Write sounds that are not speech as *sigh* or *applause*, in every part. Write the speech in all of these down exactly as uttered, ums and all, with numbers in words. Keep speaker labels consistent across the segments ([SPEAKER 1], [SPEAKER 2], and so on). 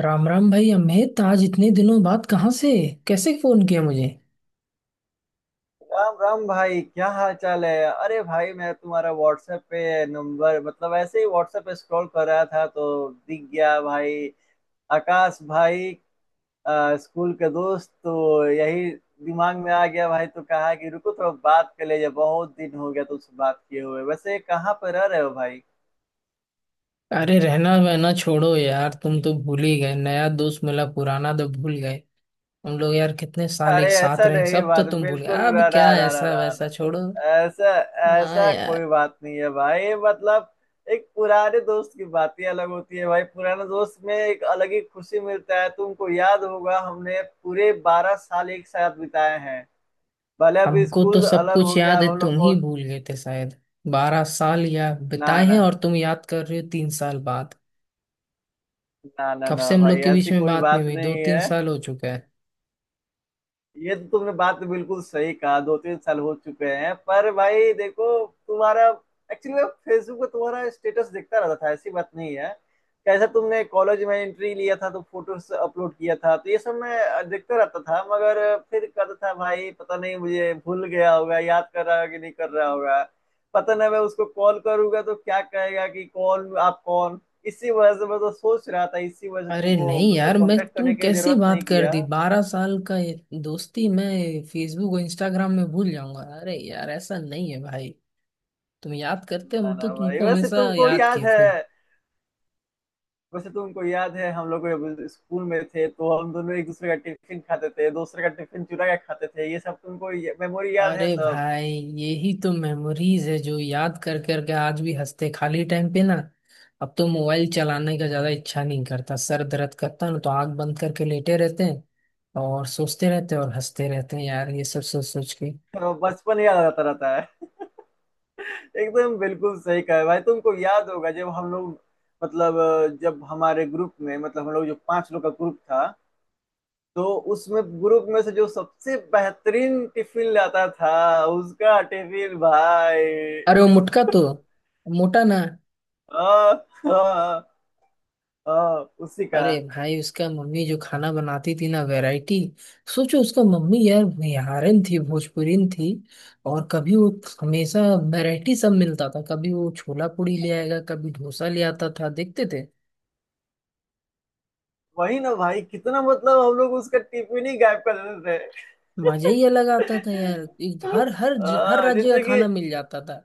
[SPEAKER 1] राम राम भाई अमित। आज इतने दिनों बाद कहाँ से कैसे फोन किया मुझे?
[SPEAKER 2] राम राम भाई, क्या हाल चाल है। अरे भाई, मैं तुम्हारा व्हाट्सएप पे नंबर, मतलब ऐसे ही व्हाट्सएप पे स्क्रॉल कर रहा था तो दिख गया भाई। आकाश भाई। अ, स्कूल के दोस्त तो यही दिमाग में आ गया भाई। तो कहा कि रुको, थोड़ा बात कर ले, बहुत दिन हो गया तुमसे बात किए हुए। वैसे कहाँ पर रह रहे हो भाई?
[SPEAKER 1] अरे रहना वहना छोड़ो यार। तुम तो भूल ही गए, नया दोस्त मिला, पुराना तो भूल गए। हम लोग यार कितने साल एक
[SPEAKER 2] अरे
[SPEAKER 1] साथ
[SPEAKER 2] ऐसा
[SPEAKER 1] रहे,
[SPEAKER 2] नहीं,
[SPEAKER 1] सब तो
[SPEAKER 2] बात
[SPEAKER 1] तुम भूल गए।
[SPEAKER 2] बिल्कुल
[SPEAKER 1] अब
[SPEAKER 2] ना ना
[SPEAKER 1] क्या
[SPEAKER 2] ना ना
[SPEAKER 1] ऐसा
[SPEAKER 2] ना
[SPEAKER 1] वैसा
[SPEAKER 2] ना।
[SPEAKER 1] छोड़ो।
[SPEAKER 2] ऐसा,
[SPEAKER 1] हाँ
[SPEAKER 2] ऐसा कोई
[SPEAKER 1] यार,
[SPEAKER 2] बात नहीं है भाई। मतलब एक पुराने दोस्त की बात ही अलग होती है भाई। पुराने दोस्त में एक अलग ही खुशी मिलता है। तुमको याद होगा, हमने पूरे बारह साल एक साथ बिताए हैं। भले अब
[SPEAKER 1] हमको तो
[SPEAKER 2] स्कूल
[SPEAKER 1] सब
[SPEAKER 2] अलग
[SPEAKER 1] कुछ
[SPEAKER 2] हो गया,
[SPEAKER 1] याद है,
[SPEAKER 2] अब हम लोग
[SPEAKER 1] तुम
[SPEAKER 2] को।
[SPEAKER 1] ही भूल गए थे शायद। बारह साल या
[SPEAKER 2] ना
[SPEAKER 1] बिताए हैं
[SPEAKER 2] ना
[SPEAKER 1] और तुम याद कर रहे हो तीन साल बाद।
[SPEAKER 2] ना ना
[SPEAKER 1] कब
[SPEAKER 2] ना
[SPEAKER 1] से हम
[SPEAKER 2] भाई,
[SPEAKER 1] लोग के बीच
[SPEAKER 2] ऐसी
[SPEAKER 1] में
[SPEAKER 2] कोई
[SPEAKER 1] बात नहीं
[SPEAKER 2] बात
[SPEAKER 1] हुई, दो
[SPEAKER 2] नहीं
[SPEAKER 1] तीन
[SPEAKER 2] है।
[SPEAKER 1] साल हो चुका है।
[SPEAKER 2] ये तो तुमने बात बिल्कुल सही कहा, दो तीन साल हो चुके हैं। पर भाई देखो, तुम्हारा, एक्चुअली मैं फेसबुक पे तुम्हारा स्टेटस देखता रहता था, ऐसी बात नहीं है। कैसा तुमने कॉलेज में एंट्री लिया था तो फोटोस अपलोड किया था, तो ये सब मैं देखता रहता था। मगर फिर कहता था भाई पता नहीं, मुझे भूल गया होगा, याद कर रहा होगा कि नहीं कर रहा होगा। पता नहीं मैं उसको कॉल करूंगा तो क्या कहेगा कि कौन, आप कौन। इसी वजह से मैं तो सोच रहा था, इसी वजह से
[SPEAKER 1] अरे
[SPEAKER 2] तुमको
[SPEAKER 1] नहीं
[SPEAKER 2] मतलब
[SPEAKER 1] यार, मैं
[SPEAKER 2] कांटेक्ट
[SPEAKER 1] तुम
[SPEAKER 2] करने की
[SPEAKER 1] कैसी
[SPEAKER 2] जरूरत
[SPEAKER 1] बात
[SPEAKER 2] नहीं
[SPEAKER 1] कर
[SPEAKER 2] किया।
[SPEAKER 1] दी, बारह साल का ये दोस्ती मैं फेसबुक और इंस्टाग्राम में भूल जाऊंगा? अरे यार ऐसा नहीं है भाई। तुम याद करते,
[SPEAKER 2] ना
[SPEAKER 1] हम
[SPEAKER 2] ना
[SPEAKER 1] तो
[SPEAKER 2] भाई,
[SPEAKER 1] तुमको
[SPEAKER 2] वैसे
[SPEAKER 1] हमेशा
[SPEAKER 2] तुमको
[SPEAKER 1] याद
[SPEAKER 2] याद
[SPEAKER 1] किए
[SPEAKER 2] है,
[SPEAKER 1] खूब।
[SPEAKER 2] वैसे तुमको याद है, हम लोग जब स्कूल में थे तो हम दोनों एक दूसरे का टिफिन खाते थे, दूसरे का टिफिन चुरा के खाते थे? ये सब तुमको मेमोरी याद
[SPEAKER 1] अरे
[SPEAKER 2] है सब?
[SPEAKER 1] भाई, यही तो मेमोरीज है जो याद कर करके आज भी हंसते खाली टाइम पे ना। अब तो मोबाइल चलाने का ज्यादा इच्छा नहीं करता, सर दर्द करता है ना, तो आंख बंद करके लेटे रहते हैं और सोचते रहते हैं और हंसते रहते हैं यार ये सब सोच सोच के।
[SPEAKER 2] तो बचपन याद आता रहता है। एकदम बिल्कुल सही कहा है भाई। तुमको याद होगा, जब हम लोग, मतलब जब हमारे ग्रुप में, मतलब हम लोग जो पांच लोग का ग्रुप था, तो उसमें ग्रुप में से जो सबसे बेहतरीन टिफिन लाता था उसका टिफिन भाई।
[SPEAKER 1] अरे वो मुटका तो, मोटा ना।
[SPEAKER 2] आ, आ, आ, उसी का।
[SPEAKER 1] अरे भाई, उसका मम्मी जो खाना बनाती थी ना, वैरायटी। सोचो, उसका मम्मी यार बिहारिन थी, भोजपुरीन थी। और कभी वो, हमेशा वैरायटी सब मिलता था। कभी वो छोला पूड़ी ले आएगा, कभी डोसा ले आता था, देखते थे।
[SPEAKER 2] वही ना भाई, कितना मतलब हम लोग उसका टिफिन ही गायब कर देते थे।
[SPEAKER 1] मजा ही अलग आता था यार। एक- हर हर हर
[SPEAKER 2] हाँ,
[SPEAKER 1] राज्य का
[SPEAKER 2] जैसे कि
[SPEAKER 1] खाना मिल जाता था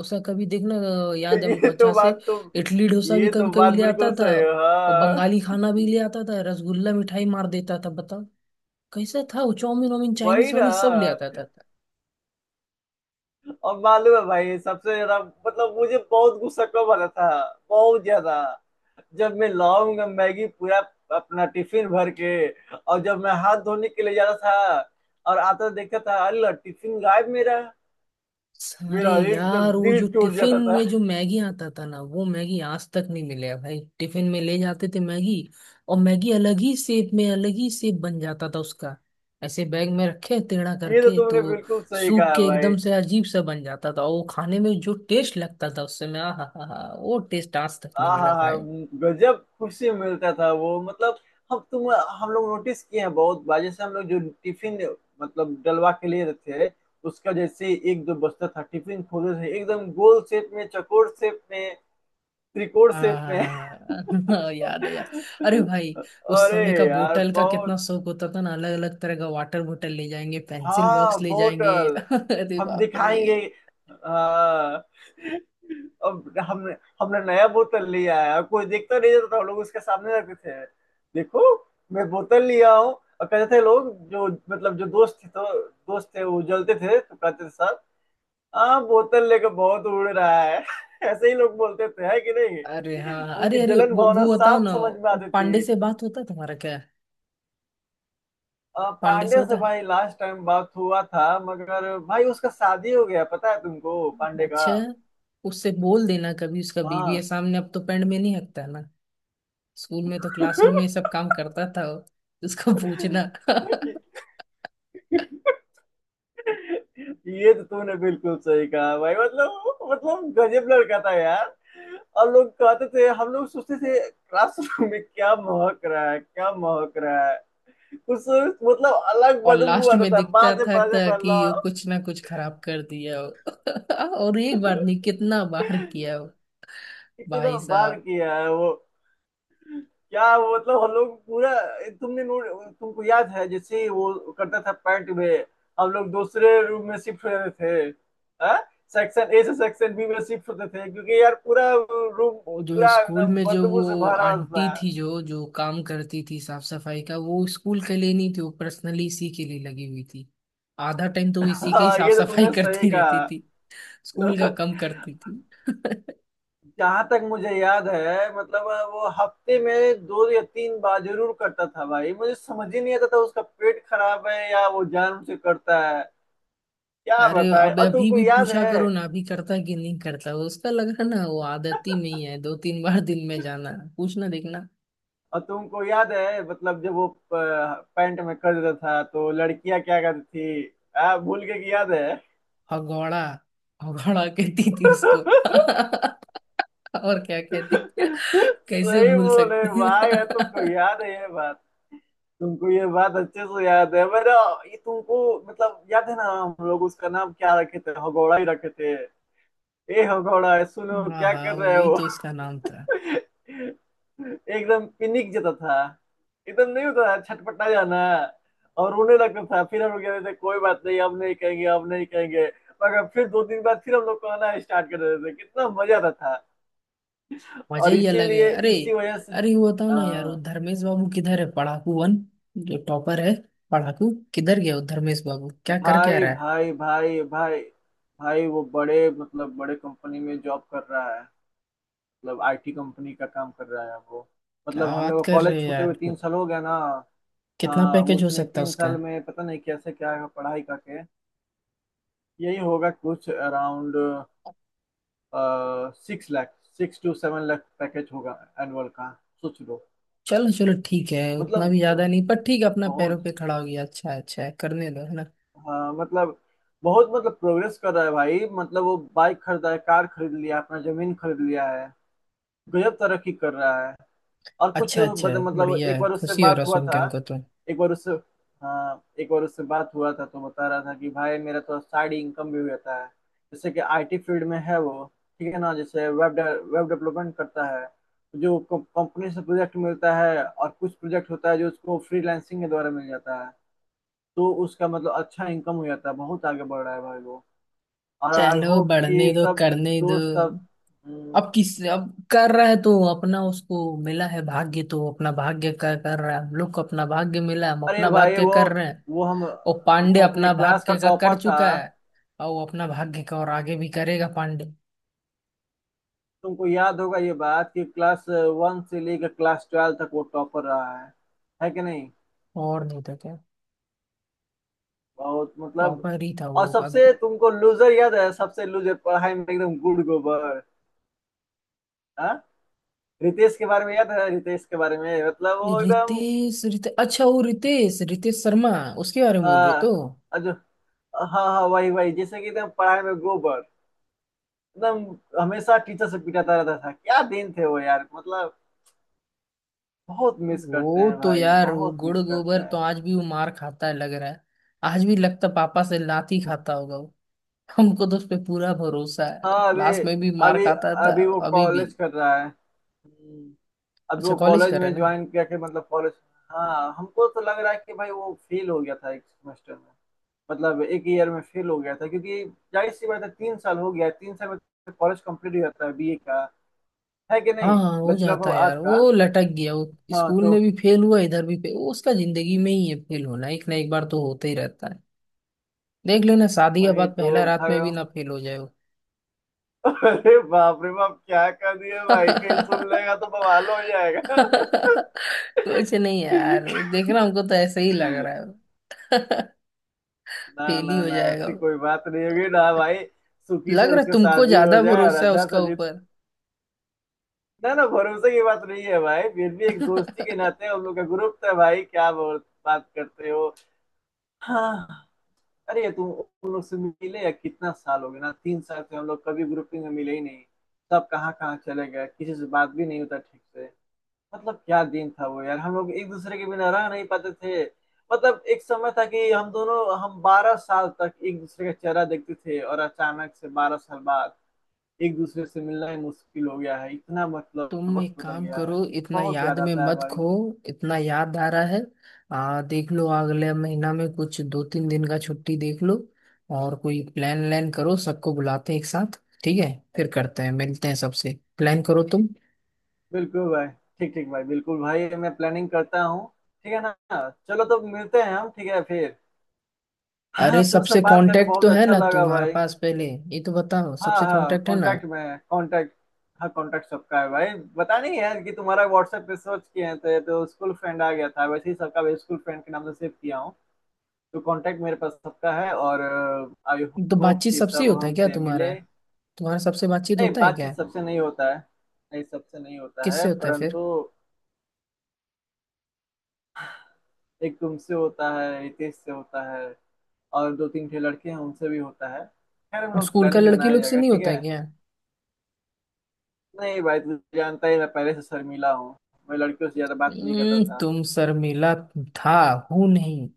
[SPEAKER 1] उसका, कभी देखना। अ,
[SPEAKER 2] *laughs*
[SPEAKER 1] याद है हमको
[SPEAKER 2] ये तो
[SPEAKER 1] अच्छा से।
[SPEAKER 2] बात तुम,
[SPEAKER 1] इडली डोसा भी
[SPEAKER 2] ये तो
[SPEAKER 1] कभी कभी
[SPEAKER 2] बात
[SPEAKER 1] ले आता
[SPEAKER 2] बिल्कुल
[SPEAKER 1] था।
[SPEAKER 2] सही है,
[SPEAKER 1] और
[SPEAKER 2] हाँ।
[SPEAKER 1] बंगाली खाना भी ले आता था, रसगुल्ला मिठाई मार देता था बताओ। कैसा था! वो चाउमीन वाउमीन,
[SPEAKER 2] वही
[SPEAKER 1] चाइनीज
[SPEAKER 2] ना।
[SPEAKER 1] वाइनीज सब ले आता था।
[SPEAKER 2] और मालूम है भाई, सबसे ज्यादा, मतलब मुझे बहुत गुस्सा कब आता था, बहुत ज्यादा? जब मैं लाऊंगा मैगी पूरा, अपना टिफिन भर के, और जब मैं हाथ धोने के लिए जाता था और आता देखता था, अल्लाह, टिफिन गायब मेरा।
[SPEAKER 1] अरे
[SPEAKER 2] मेरा एकदम
[SPEAKER 1] यार, वो
[SPEAKER 2] दिल
[SPEAKER 1] जो
[SPEAKER 2] टूट
[SPEAKER 1] टिफिन
[SPEAKER 2] जाता था।
[SPEAKER 1] में जो मैगी आता था ना, वो मैगी आज तक नहीं मिले है भाई। टिफिन में ले जाते थे मैगी, और मैगी अलग ही शेप में, अलग ही शेप बन जाता था उसका। ऐसे बैग में रखे टेढ़ा
[SPEAKER 2] ये तो
[SPEAKER 1] करके तो
[SPEAKER 2] तुमने बिल्कुल सही
[SPEAKER 1] सूख
[SPEAKER 2] कहा
[SPEAKER 1] के
[SPEAKER 2] भाई।
[SPEAKER 1] एकदम से अजीब सा बन जाता था, और वो खाने में जो टेस्ट लगता था, उससे मैं आहा हा हा, वो टेस्ट आज तक नहीं
[SPEAKER 2] हाँ
[SPEAKER 1] मिला
[SPEAKER 2] हाँ हाँ।
[SPEAKER 1] भाई।
[SPEAKER 2] गजब खुशी मिलता था वो। मतलब हम तुम, हम लोग नोटिस किए हैं बहुत बार। जैसे हम लोग जो टिफिन मतलब डलवा के लिए थे, उसका, जैसे एक दो बस्ता था टिफिन, खोले थे एकदम गोल शेप में, चौकोर शेप में, त्रिकोण शेप में।
[SPEAKER 1] हाँ *laughs* याद है यार। अरे
[SPEAKER 2] *laughs*
[SPEAKER 1] भाई, उस
[SPEAKER 2] अरे
[SPEAKER 1] समय का
[SPEAKER 2] यार
[SPEAKER 1] बोतल का कितना
[SPEAKER 2] बहुत,
[SPEAKER 1] शौक होता था ना। अलग अलग तरह का वाटर बोतल ले जाएंगे, पेंसिल
[SPEAKER 2] हाँ,
[SPEAKER 1] बॉक्स ले जाएंगे *laughs*
[SPEAKER 2] बोतल,
[SPEAKER 1] अरे
[SPEAKER 2] हम
[SPEAKER 1] बाप रे।
[SPEAKER 2] दिखाएंगे। हाँ, अब हम, हमने नया बोतल लिया है। अब कोई देखता नहीं था तो हम लोग उसके सामने रखते थे। देखो, मैं बोतल लिया हूँ। और कहते थे लोग, जो मतलब जो दोस्त थे, तो दोस्त थे वो जलते थे, तो कहते थे, साहब हाँ बोतल लेकर बहुत उड़ रहा है। *laughs* ऐसे ही लोग बोलते थे, है कि नहीं?
[SPEAKER 1] अरे हाँ,
[SPEAKER 2] उनकी
[SPEAKER 1] अरे अरे
[SPEAKER 2] जलन
[SPEAKER 1] वो
[SPEAKER 2] भावना
[SPEAKER 1] वो बताओ
[SPEAKER 2] साफ
[SPEAKER 1] ना,
[SPEAKER 2] समझ में
[SPEAKER 1] वो
[SPEAKER 2] आती
[SPEAKER 1] पांडे
[SPEAKER 2] थी।
[SPEAKER 1] से बात होता है तुम्हारा क्या?
[SPEAKER 2] अ,
[SPEAKER 1] पांडे से
[SPEAKER 2] पांडे
[SPEAKER 1] होता
[SPEAKER 2] से
[SPEAKER 1] है?
[SPEAKER 2] भाई लास्ट टाइम बात हुआ था, मगर भाई उसका शादी हो गया, पता है तुमको पांडे का?
[SPEAKER 1] अच्छा। उससे बोल देना कभी, उसका बीवी
[SPEAKER 2] हाँ,
[SPEAKER 1] है सामने, अब तो पेंड में नहीं हकता ना। स्कूल में तो क्लासरूम में ये सब काम करता था वो। उसको पूछना *laughs*
[SPEAKER 2] ये तो तूने बिल्कुल सही कहा भाई। मतलब मतलब गजब लड़का था यार। और लोग कहते थे, हम लोग सोचते थे, क्लासरूम में क्या महक रहा है, क्या महक रहा है, कुछ मतलब अलग
[SPEAKER 1] और
[SPEAKER 2] बदबू
[SPEAKER 1] लास्ट
[SPEAKER 2] आता
[SPEAKER 1] में
[SPEAKER 2] था।
[SPEAKER 1] दिखता
[SPEAKER 2] बाद में
[SPEAKER 1] था,
[SPEAKER 2] पता
[SPEAKER 1] था
[SPEAKER 2] चलता था,
[SPEAKER 1] कि वो
[SPEAKER 2] "ला,
[SPEAKER 1] कुछ ना कुछ खराब कर दिया हो। *laughs* और एक बार नहीं, कितना बार किया हो।
[SPEAKER 2] कितना
[SPEAKER 1] भाई
[SPEAKER 2] बार
[SPEAKER 1] साहब!
[SPEAKER 2] किया है वो। क्या वो मतलब, हम लोग पूरा, तुमने नोट, तुमको याद है जैसे ही वो करता था पैंट में, हम लोग दूसरे रूम में शिफ्ट होते थे। हाँ, सेक्शन ए से सेक्शन बी में शिफ्ट होते थे, क्योंकि यार पूरा रूम,
[SPEAKER 1] और जो
[SPEAKER 2] पूरा
[SPEAKER 1] स्कूल
[SPEAKER 2] ना
[SPEAKER 1] में जो वो
[SPEAKER 2] बदबू से भरा
[SPEAKER 1] आंटी
[SPEAKER 2] था।
[SPEAKER 1] थी, जो जो काम करती थी साफ सफाई का, वो स्कूल के लिए नहीं थी, वो पर्सनली इसी के लिए लगी हुई थी। आधा टाइम तो वो इसी का ही
[SPEAKER 2] हाँ,
[SPEAKER 1] साफ
[SPEAKER 2] ये तो
[SPEAKER 1] सफाई
[SPEAKER 2] तुमने
[SPEAKER 1] *laughs*
[SPEAKER 2] सही
[SPEAKER 1] करती रहती थी।
[SPEAKER 2] कहा।
[SPEAKER 1] स्कूल का
[SPEAKER 2] *laughs*
[SPEAKER 1] कम करती थी। *laughs*
[SPEAKER 2] जहां तक मुझे याद है, मतलब वो हफ्ते में दो या तीन बार जरूर करता था भाई। मुझे समझ ही नहीं आता था उसका पेट खराब है या वो जान से करता है। क्या
[SPEAKER 1] अरे,
[SPEAKER 2] बताए।
[SPEAKER 1] अब
[SPEAKER 2] और
[SPEAKER 1] अभी
[SPEAKER 2] तुमको
[SPEAKER 1] भी
[SPEAKER 2] याद
[SPEAKER 1] पूछा
[SPEAKER 2] है,
[SPEAKER 1] करो ना, अभी करता है कि नहीं करता वो उसका। लग रहा ना, वो आदत ही में ही है, दो तीन बार दिन में जाना, पूछना, देखना।
[SPEAKER 2] और तुमको याद है मतलब, जब वो प- पैंट में कर देता था तो लड़कियां क्या करती थी? आ, भूल के की याद है?
[SPEAKER 1] हगौड़ा, हगौड़ा कहती थी उसको *laughs* और क्या कहती थी?
[SPEAKER 2] *laughs*
[SPEAKER 1] कैसे
[SPEAKER 2] सही
[SPEAKER 1] भूल
[SPEAKER 2] बोले
[SPEAKER 1] सकते
[SPEAKER 2] भाई। यार तुमको
[SPEAKER 1] हैं?
[SPEAKER 2] याद है ये बात? तुमको ये बात अच्छे से याद है। मेरा, ये तुमको मतलब याद है ना, हम लोग उसका नाम क्या रखे थे, हगौड़ा ही रखे थे। ए हगौड़ा, सुनो
[SPEAKER 1] *laughs* हाँ
[SPEAKER 2] क्या
[SPEAKER 1] हाँ,
[SPEAKER 2] कर रहे
[SPEAKER 1] वही
[SPEAKER 2] हो।
[SPEAKER 1] तो उसका नाम था।
[SPEAKER 2] एकदम पिनिक जाता था, एकदम नहीं होता था, छटपटा जाना, और रोने लगता था। फिर हम लोग कहते थे कोई बात नहीं, हम नहीं कहेंगे, हम नहीं कहेंगे। मगर फिर दो तीन बार फिर हम लोग कहना स्टार्ट कर देते थे, कितना मजा आता था।
[SPEAKER 1] मजा
[SPEAKER 2] और
[SPEAKER 1] ही अलग है।
[SPEAKER 2] इसीलिए,
[SPEAKER 1] अरे,
[SPEAKER 2] इसी वजह से।
[SPEAKER 1] अरे वो बताओ ना यार, वो
[SPEAKER 2] हाँ,
[SPEAKER 1] धर्मेश बाबू किधर है? पढ़ाकू वन, जो टॉपर है, पढ़ाकू किधर गया वो? धर्मेश बाबू क्या कर क्या
[SPEAKER 2] भाई
[SPEAKER 1] रहा है?
[SPEAKER 2] भाई भाई भाई। भाई वो बड़े, मतलब बड़े कंपनी में जॉब कर रहा है। मतलब आईटी कंपनी का काम कर रहा है वो। मतलब
[SPEAKER 1] क्या
[SPEAKER 2] हम
[SPEAKER 1] बात
[SPEAKER 2] लोग
[SPEAKER 1] कर रहे
[SPEAKER 2] कॉलेज
[SPEAKER 1] हो
[SPEAKER 2] छूटे
[SPEAKER 1] यार!
[SPEAKER 2] हुए तीन साल हो गया ना।
[SPEAKER 1] कितना
[SPEAKER 2] हाँ,
[SPEAKER 1] पैकेज हो
[SPEAKER 2] उसने
[SPEAKER 1] सकता है
[SPEAKER 2] तीन
[SPEAKER 1] उसका?
[SPEAKER 2] साल में पता नहीं कैसे क्या पढ़ाई करके, यही होगा कुछ around six lakh, six to seven lakh package होगा एनुअल का। सोच लो।
[SPEAKER 1] चलो चलो, ठीक है, उतना भी
[SPEAKER 2] मतलब
[SPEAKER 1] ज्यादा नहीं, पर ठीक है, अपना पैरों
[SPEAKER 2] बहुत,
[SPEAKER 1] पे खड़ा हो गया, अच्छा है, अच्छा है, करने दो है ना।
[SPEAKER 2] हाँ मतलब बहुत मतलब प्रोग्रेस कर रहा है भाई। मतलब वो बाइक खरीदा है, कार खरीद लिया, अपना जमीन खरीद लिया है। गजब तरक्की कर रहा है। और कुछ
[SPEAKER 1] अच्छा, अच्छा
[SPEAKER 2] बत-
[SPEAKER 1] है,
[SPEAKER 2] मतलब
[SPEAKER 1] बढ़िया
[SPEAKER 2] एक
[SPEAKER 1] है,
[SPEAKER 2] बार उससे
[SPEAKER 1] खुशी हो
[SPEAKER 2] बात
[SPEAKER 1] रहा
[SPEAKER 2] हुआ
[SPEAKER 1] सुन के
[SPEAKER 2] था।
[SPEAKER 1] हमको तो।
[SPEAKER 2] एक बार उससे, हाँ, एक बार उससे बात हुआ था तो बता रहा था कि भाई मेरा तो साइड इनकम भी रहता है। जैसे कि आईटी फील्ड में है वो, ठीक है ना, जैसे वेब, वेब डेवलपमेंट करता है। जो कंपनी से प्रोजेक्ट मिलता है और कुछ प्रोजेक्ट होता है जो उसको फ्रीलांसिंग के द्वारा मिल जाता है। तो उसका मतलब अच्छा इनकम हो जाता है। बहुत आगे बढ़ रहा है भाई वो। और आई
[SPEAKER 1] चलो,
[SPEAKER 2] होप कि
[SPEAKER 1] बढ़ने दो,
[SPEAKER 2] सब
[SPEAKER 1] करने दो।
[SPEAKER 2] दोस्त सब। हम्म,
[SPEAKER 1] अब किस, अब कर रहा है तो अपना, उसको मिला है भाग्य तो अपना भाग्य का कर रहा है। हम लोग को अपना भाग्य मिला, हम
[SPEAKER 2] अरे
[SPEAKER 1] अपना
[SPEAKER 2] भाई
[SPEAKER 1] भाग्य
[SPEAKER 2] वो
[SPEAKER 1] कर रहे हैं।
[SPEAKER 2] वो हम,
[SPEAKER 1] और पांडे
[SPEAKER 2] वो अपने
[SPEAKER 1] अपना
[SPEAKER 2] क्लास का
[SPEAKER 1] भाग्य का कर
[SPEAKER 2] टॉपर था।
[SPEAKER 1] चुका है, और वो अपना भाग्य का और आगे भी करेगा पांडे।
[SPEAKER 2] तुमको याद होगा ये बात कि क्लास वन से लेकर क्लास ट्वेल्व तक वो टॉपर रहा है है कि नहीं?
[SPEAKER 1] और नहीं तो क्या,
[SPEAKER 2] बहुत मतलब।
[SPEAKER 1] टॉपर ही था
[SPEAKER 2] और
[SPEAKER 1] वो अब।
[SPEAKER 2] सबसे तुमको लूजर याद है, सबसे लूजर पढ़ाई में एकदम गुड़ गोबर? हाँ, रितेश के बारे में याद है? रितेश के बारे में मतलब वो एकदम,
[SPEAKER 1] रितेश? रितेश, अच्छा वो रितेश, रितेश शर्मा, उसके बारे में बोल रहे तो।
[SPEAKER 2] हाँ, अजो, हाँ हाँ, वही वही, जैसे कि एकदम पढ़ाई में गोबर एकदम, हमेशा टीचर से पिटाता रहता था। क्या दिन थे वो यार, मतलब बहुत मिस करते
[SPEAKER 1] वो
[SPEAKER 2] हैं
[SPEAKER 1] तो
[SPEAKER 2] भाई,
[SPEAKER 1] यार, वो
[SPEAKER 2] बहुत
[SPEAKER 1] गुड़
[SPEAKER 2] मिस करते
[SPEAKER 1] गोबर तो
[SPEAKER 2] हैं।
[SPEAKER 1] आज भी वो मार खाता है लग रहा है। आज भी लगता पापा से लाठी खाता होगा वो। हमको तो उस पे पूरा भरोसा है,
[SPEAKER 2] हाँ अभी,
[SPEAKER 1] क्लास में भी मार
[SPEAKER 2] अभी,
[SPEAKER 1] खाता था।
[SPEAKER 2] अभी वो
[SPEAKER 1] अभी भी?
[SPEAKER 2] कॉलेज कर रहा है। हम्म, अब
[SPEAKER 1] अच्छा
[SPEAKER 2] वो
[SPEAKER 1] कॉलेज
[SPEAKER 2] कॉलेज
[SPEAKER 1] कर रहे
[SPEAKER 2] में
[SPEAKER 1] ना।
[SPEAKER 2] ज्वाइन करके मतलब कॉलेज, हाँ हमको तो लग रहा है कि भाई वो फेल हो गया था एक सेमेस्टर में, मतलब एक ईयर में फेल हो गया था क्योंकि जाहिर सी बात है, तीन साल हो गया है, तीन साल में कॉलेज कंप्लीट हो जाता है बीए का, है कि
[SPEAKER 1] हाँ
[SPEAKER 2] नहीं?
[SPEAKER 1] हाँ, हो
[SPEAKER 2] बैचलर
[SPEAKER 1] जाता
[SPEAKER 2] ऑफ
[SPEAKER 1] है
[SPEAKER 2] आर्ट
[SPEAKER 1] यार,
[SPEAKER 2] का।
[SPEAKER 1] वो लटक गया। वो
[SPEAKER 2] हाँ
[SPEAKER 1] स्कूल
[SPEAKER 2] तो।
[SPEAKER 1] में भी फेल हुआ, इधर भी फेल। वो उसका जिंदगी में ही है फेल होना, एक ना एक बार तो होता ही रहता है। देख लेना, शादी के
[SPEAKER 2] वही
[SPEAKER 1] बाद
[SPEAKER 2] तो
[SPEAKER 1] पहला रात
[SPEAKER 2] भाई,
[SPEAKER 1] में भी ना फेल हो जाए वो।
[SPEAKER 2] अरे बाप रे बाप, क्या कर दिया भाई, कहीं सुन लेगा तो बवाल हो
[SPEAKER 1] *laughs* कुछ नहीं यार,
[SPEAKER 2] जाएगा।
[SPEAKER 1] देखना, हमको तो ऐसे ही लग रहा है। *laughs* फेल
[SPEAKER 2] ना
[SPEAKER 1] ही
[SPEAKER 2] ना
[SPEAKER 1] हो
[SPEAKER 2] ना,
[SPEAKER 1] जाएगा
[SPEAKER 2] ऐसी
[SPEAKER 1] वो।
[SPEAKER 2] कोई बात नहीं होगी ना भाई। सुखी
[SPEAKER 1] लग
[SPEAKER 2] से
[SPEAKER 1] रहा
[SPEAKER 2] उसका
[SPEAKER 1] तुमको
[SPEAKER 2] शादी हो
[SPEAKER 1] ज्यादा
[SPEAKER 2] जाए और
[SPEAKER 1] भरोसा है
[SPEAKER 2] अच्छा
[SPEAKER 1] उसका
[SPEAKER 2] सा जीत।
[SPEAKER 1] ऊपर।
[SPEAKER 2] ना ना, भरोसे की बात नहीं है भाई, फिर भी एक दोस्ती के
[SPEAKER 1] *laughs*
[SPEAKER 2] नाते हम लोग का ग्रुप था भाई, क्या बोल बात करते हो। हाँ। अरे तुम उन लोग से मिले या? कितना साल हो गया ना, तीन साल से हम लोग कभी ग्रुपिंग में मिले ही नहीं। सब कहाँ कहाँ चले गए, किसी से बात भी नहीं होता ठीक से। मतलब क्या दिन था वो यार, हम लोग एक दूसरे के बिना रह नहीं पाते थे। मतलब एक समय था कि हम दोनों, हम बारह साल तक एक दूसरे का चेहरा देखते थे, और अचानक से बारह साल बाद एक दूसरे से मिलना ही मुश्किल हो गया है। इतना मतलब
[SPEAKER 1] तुम एक
[SPEAKER 2] वक्त बदल
[SPEAKER 1] काम
[SPEAKER 2] गया है।
[SPEAKER 1] करो, इतना
[SPEAKER 2] बहुत
[SPEAKER 1] याद
[SPEAKER 2] याद
[SPEAKER 1] में
[SPEAKER 2] आता है
[SPEAKER 1] मत
[SPEAKER 2] भाई।
[SPEAKER 1] खो। इतना याद आ रहा है, आ देख लो अगले महीना में कुछ दो तीन दिन का छुट्टी देख लो। और कोई प्लान व्लान करो, सबको बुलाते हैं एक साथ, ठीक है, फिर करते हैं, मिलते हैं सबसे। प्लान करो तुम।
[SPEAKER 2] बिल्कुल भाई। ठीक ठीक भाई, बिल्कुल भाई, मैं प्लानिंग करता हूँ, ठीक है ना। चलो तो मिलते हैं हम, ठीक है फिर।
[SPEAKER 1] अरे
[SPEAKER 2] हाँ, तुमसे
[SPEAKER 1] सबसे
[SPEAKER 2] बात करके
[SPEAKER 1] कांटेक्ट तो
[SPEAKER 2] बहुत
[SPEAKER 1] है
[SPEAKER 2] अच्छा
[SPEAKER 1] ना
[SPEAKER 2] लगा
[SPEAKER 1] तुम्हारे
[SPEAKER 2] भाई।
[SPEAKER 1] पास पहले, ये तो बताओ,
[SPEAKER 2] हाँ
[SPEAKER 1] सबसे
[SPEAKER 2] हाँ,
[SPEAKER 1] कांटेक्ट है ना?
[SPEAKER 2] कांटेक्ट में है, कांटेक्ट, हाँ, कांटेक्ट सबका है भाई। पता नहीं यार कि तुम्हारा व्हाट्सएप पे सर्च किए हैं तो ये तो स्कूल फ्रेंड आ गया था, वैसे ही सबका भी स्कूल फ्रेंड के नाम से सेव किया हूँ। तो कांटेक्ट मेरे पास सबका है। और आई
[SPEAKER 1] तो
[SPEAKER 2] होप
[SPEAKER 1] बातचीत
[SPEAKER 2] कि
[SPEAKER 1] सबसे ही
[SPEAKER 2] सब
[SPEAKER 1] होता है क्या
[SPEAKER 2] हमसे
[SPEAKER 1] तुम्हारा?
[SPEAKER 2] मिले।
[SPEAKER 1] तुम्हारा सबसे बातचीत
[SPEAKER 2] नहीं,
[SPEAKER 1] होता है क्या?
[SPEAKER 2] बातचीत सबसे नहीं होता है। नहीं, सबसे नहीं होता है,
[SPEAKER 1] किससे होता है
[SPEAKER 2] परंतु
[SPEAKER 1] फिर?
[SPEAKER 2] एक तुमसे होता है, रितेश से होता है, और दो तीन ठे लड़के हैं उनसे भी होता है। खैर हम
[SPEAKER 1] और
[SPEAKER 2] लोग
[SPEAKER 1] स्कूल का
[SPEAKER 2] प्लानिंग
[SPEAKER 1] लड़की
[SPEAKER 2] बनाया
[SPEAKER 1] लोग से
[SPEAKER 2] जाएगा,
[SPEAKER 1] नहीं
[SPEAKER 2] ठीक
[SPEAKER 1] होता
[SPEAKER 2] है।
[SPEAKER 1] है क्या?
[SPEAKER 2] नहीं भाई, तू जानता ही, मैं पहले से शर्मीला हूँ। मैं लड़कियों से ज्यादा बात नहीं करता
[SPEAKER 1] हम्म,
[SPEAKER 2] था।
[SPEAKER 1] तुम शर्मिला था, हूं नहीं।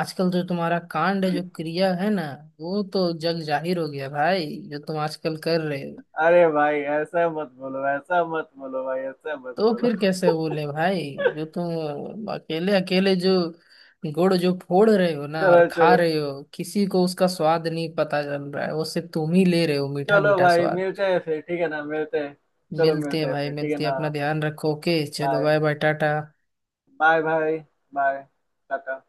[SPEAKER 1] आजकल जो तुम्हारा कांड है, जो क्रिया है ना, वो तो जग जाहिर हो गया भाई, जो तुम आजकल कर रहे हो।
[SPEAKER 2] अरे भाई ऐसा मत बोलो, ऐसा मत बोलो भाई, ऐसा मत
[SPEAKER 1] तो
[SPEAKER 2] बोलो।
[SPEAKER 1] फिर कैसे बोले भाई, जो तुम अकेले अकेले जो गुड़ जो फोड़ रहे हो
[SPEAKER 2] *laughs*
[SPEAKER 1] ना
[SPEAKER 2] चलो
[SPEAKER 1] और खा
[SPEAKER 2] चलो,
[SPEAKER 1] रहे हो, किसी को उसका स्वाद नहीं पता चल रहा है, वो सिर्फ तुम ही ले रहे हो मीठा
[SPEAKER 2] चलो
[SPEAKER 1] मीठा
[SPEAKER 2] भाई
[SPEAKER 1] स्वाद।
[SPEAKER 2] मिलते हैं फिर, ठीक है ना, मिलते हैं। चलो
[SPEAKER 1] मिलते हैं
[SPEAKER 2] मिलते हैं
[SPEAKER 1] भाई,
[SPEAKER 2] फिर, ठीक है
[SPEAKER 1] मिलते हैं,
[SPEAKER 2] ना।
[SPEAKER 1] अपना ध्यान रखो। ओके, चलो,
[SPEAKER 2] bye.
[SPEAKER 1] Bye bye, tata.
[SPEAKER 2] Bye भाई। बाय। टाटा।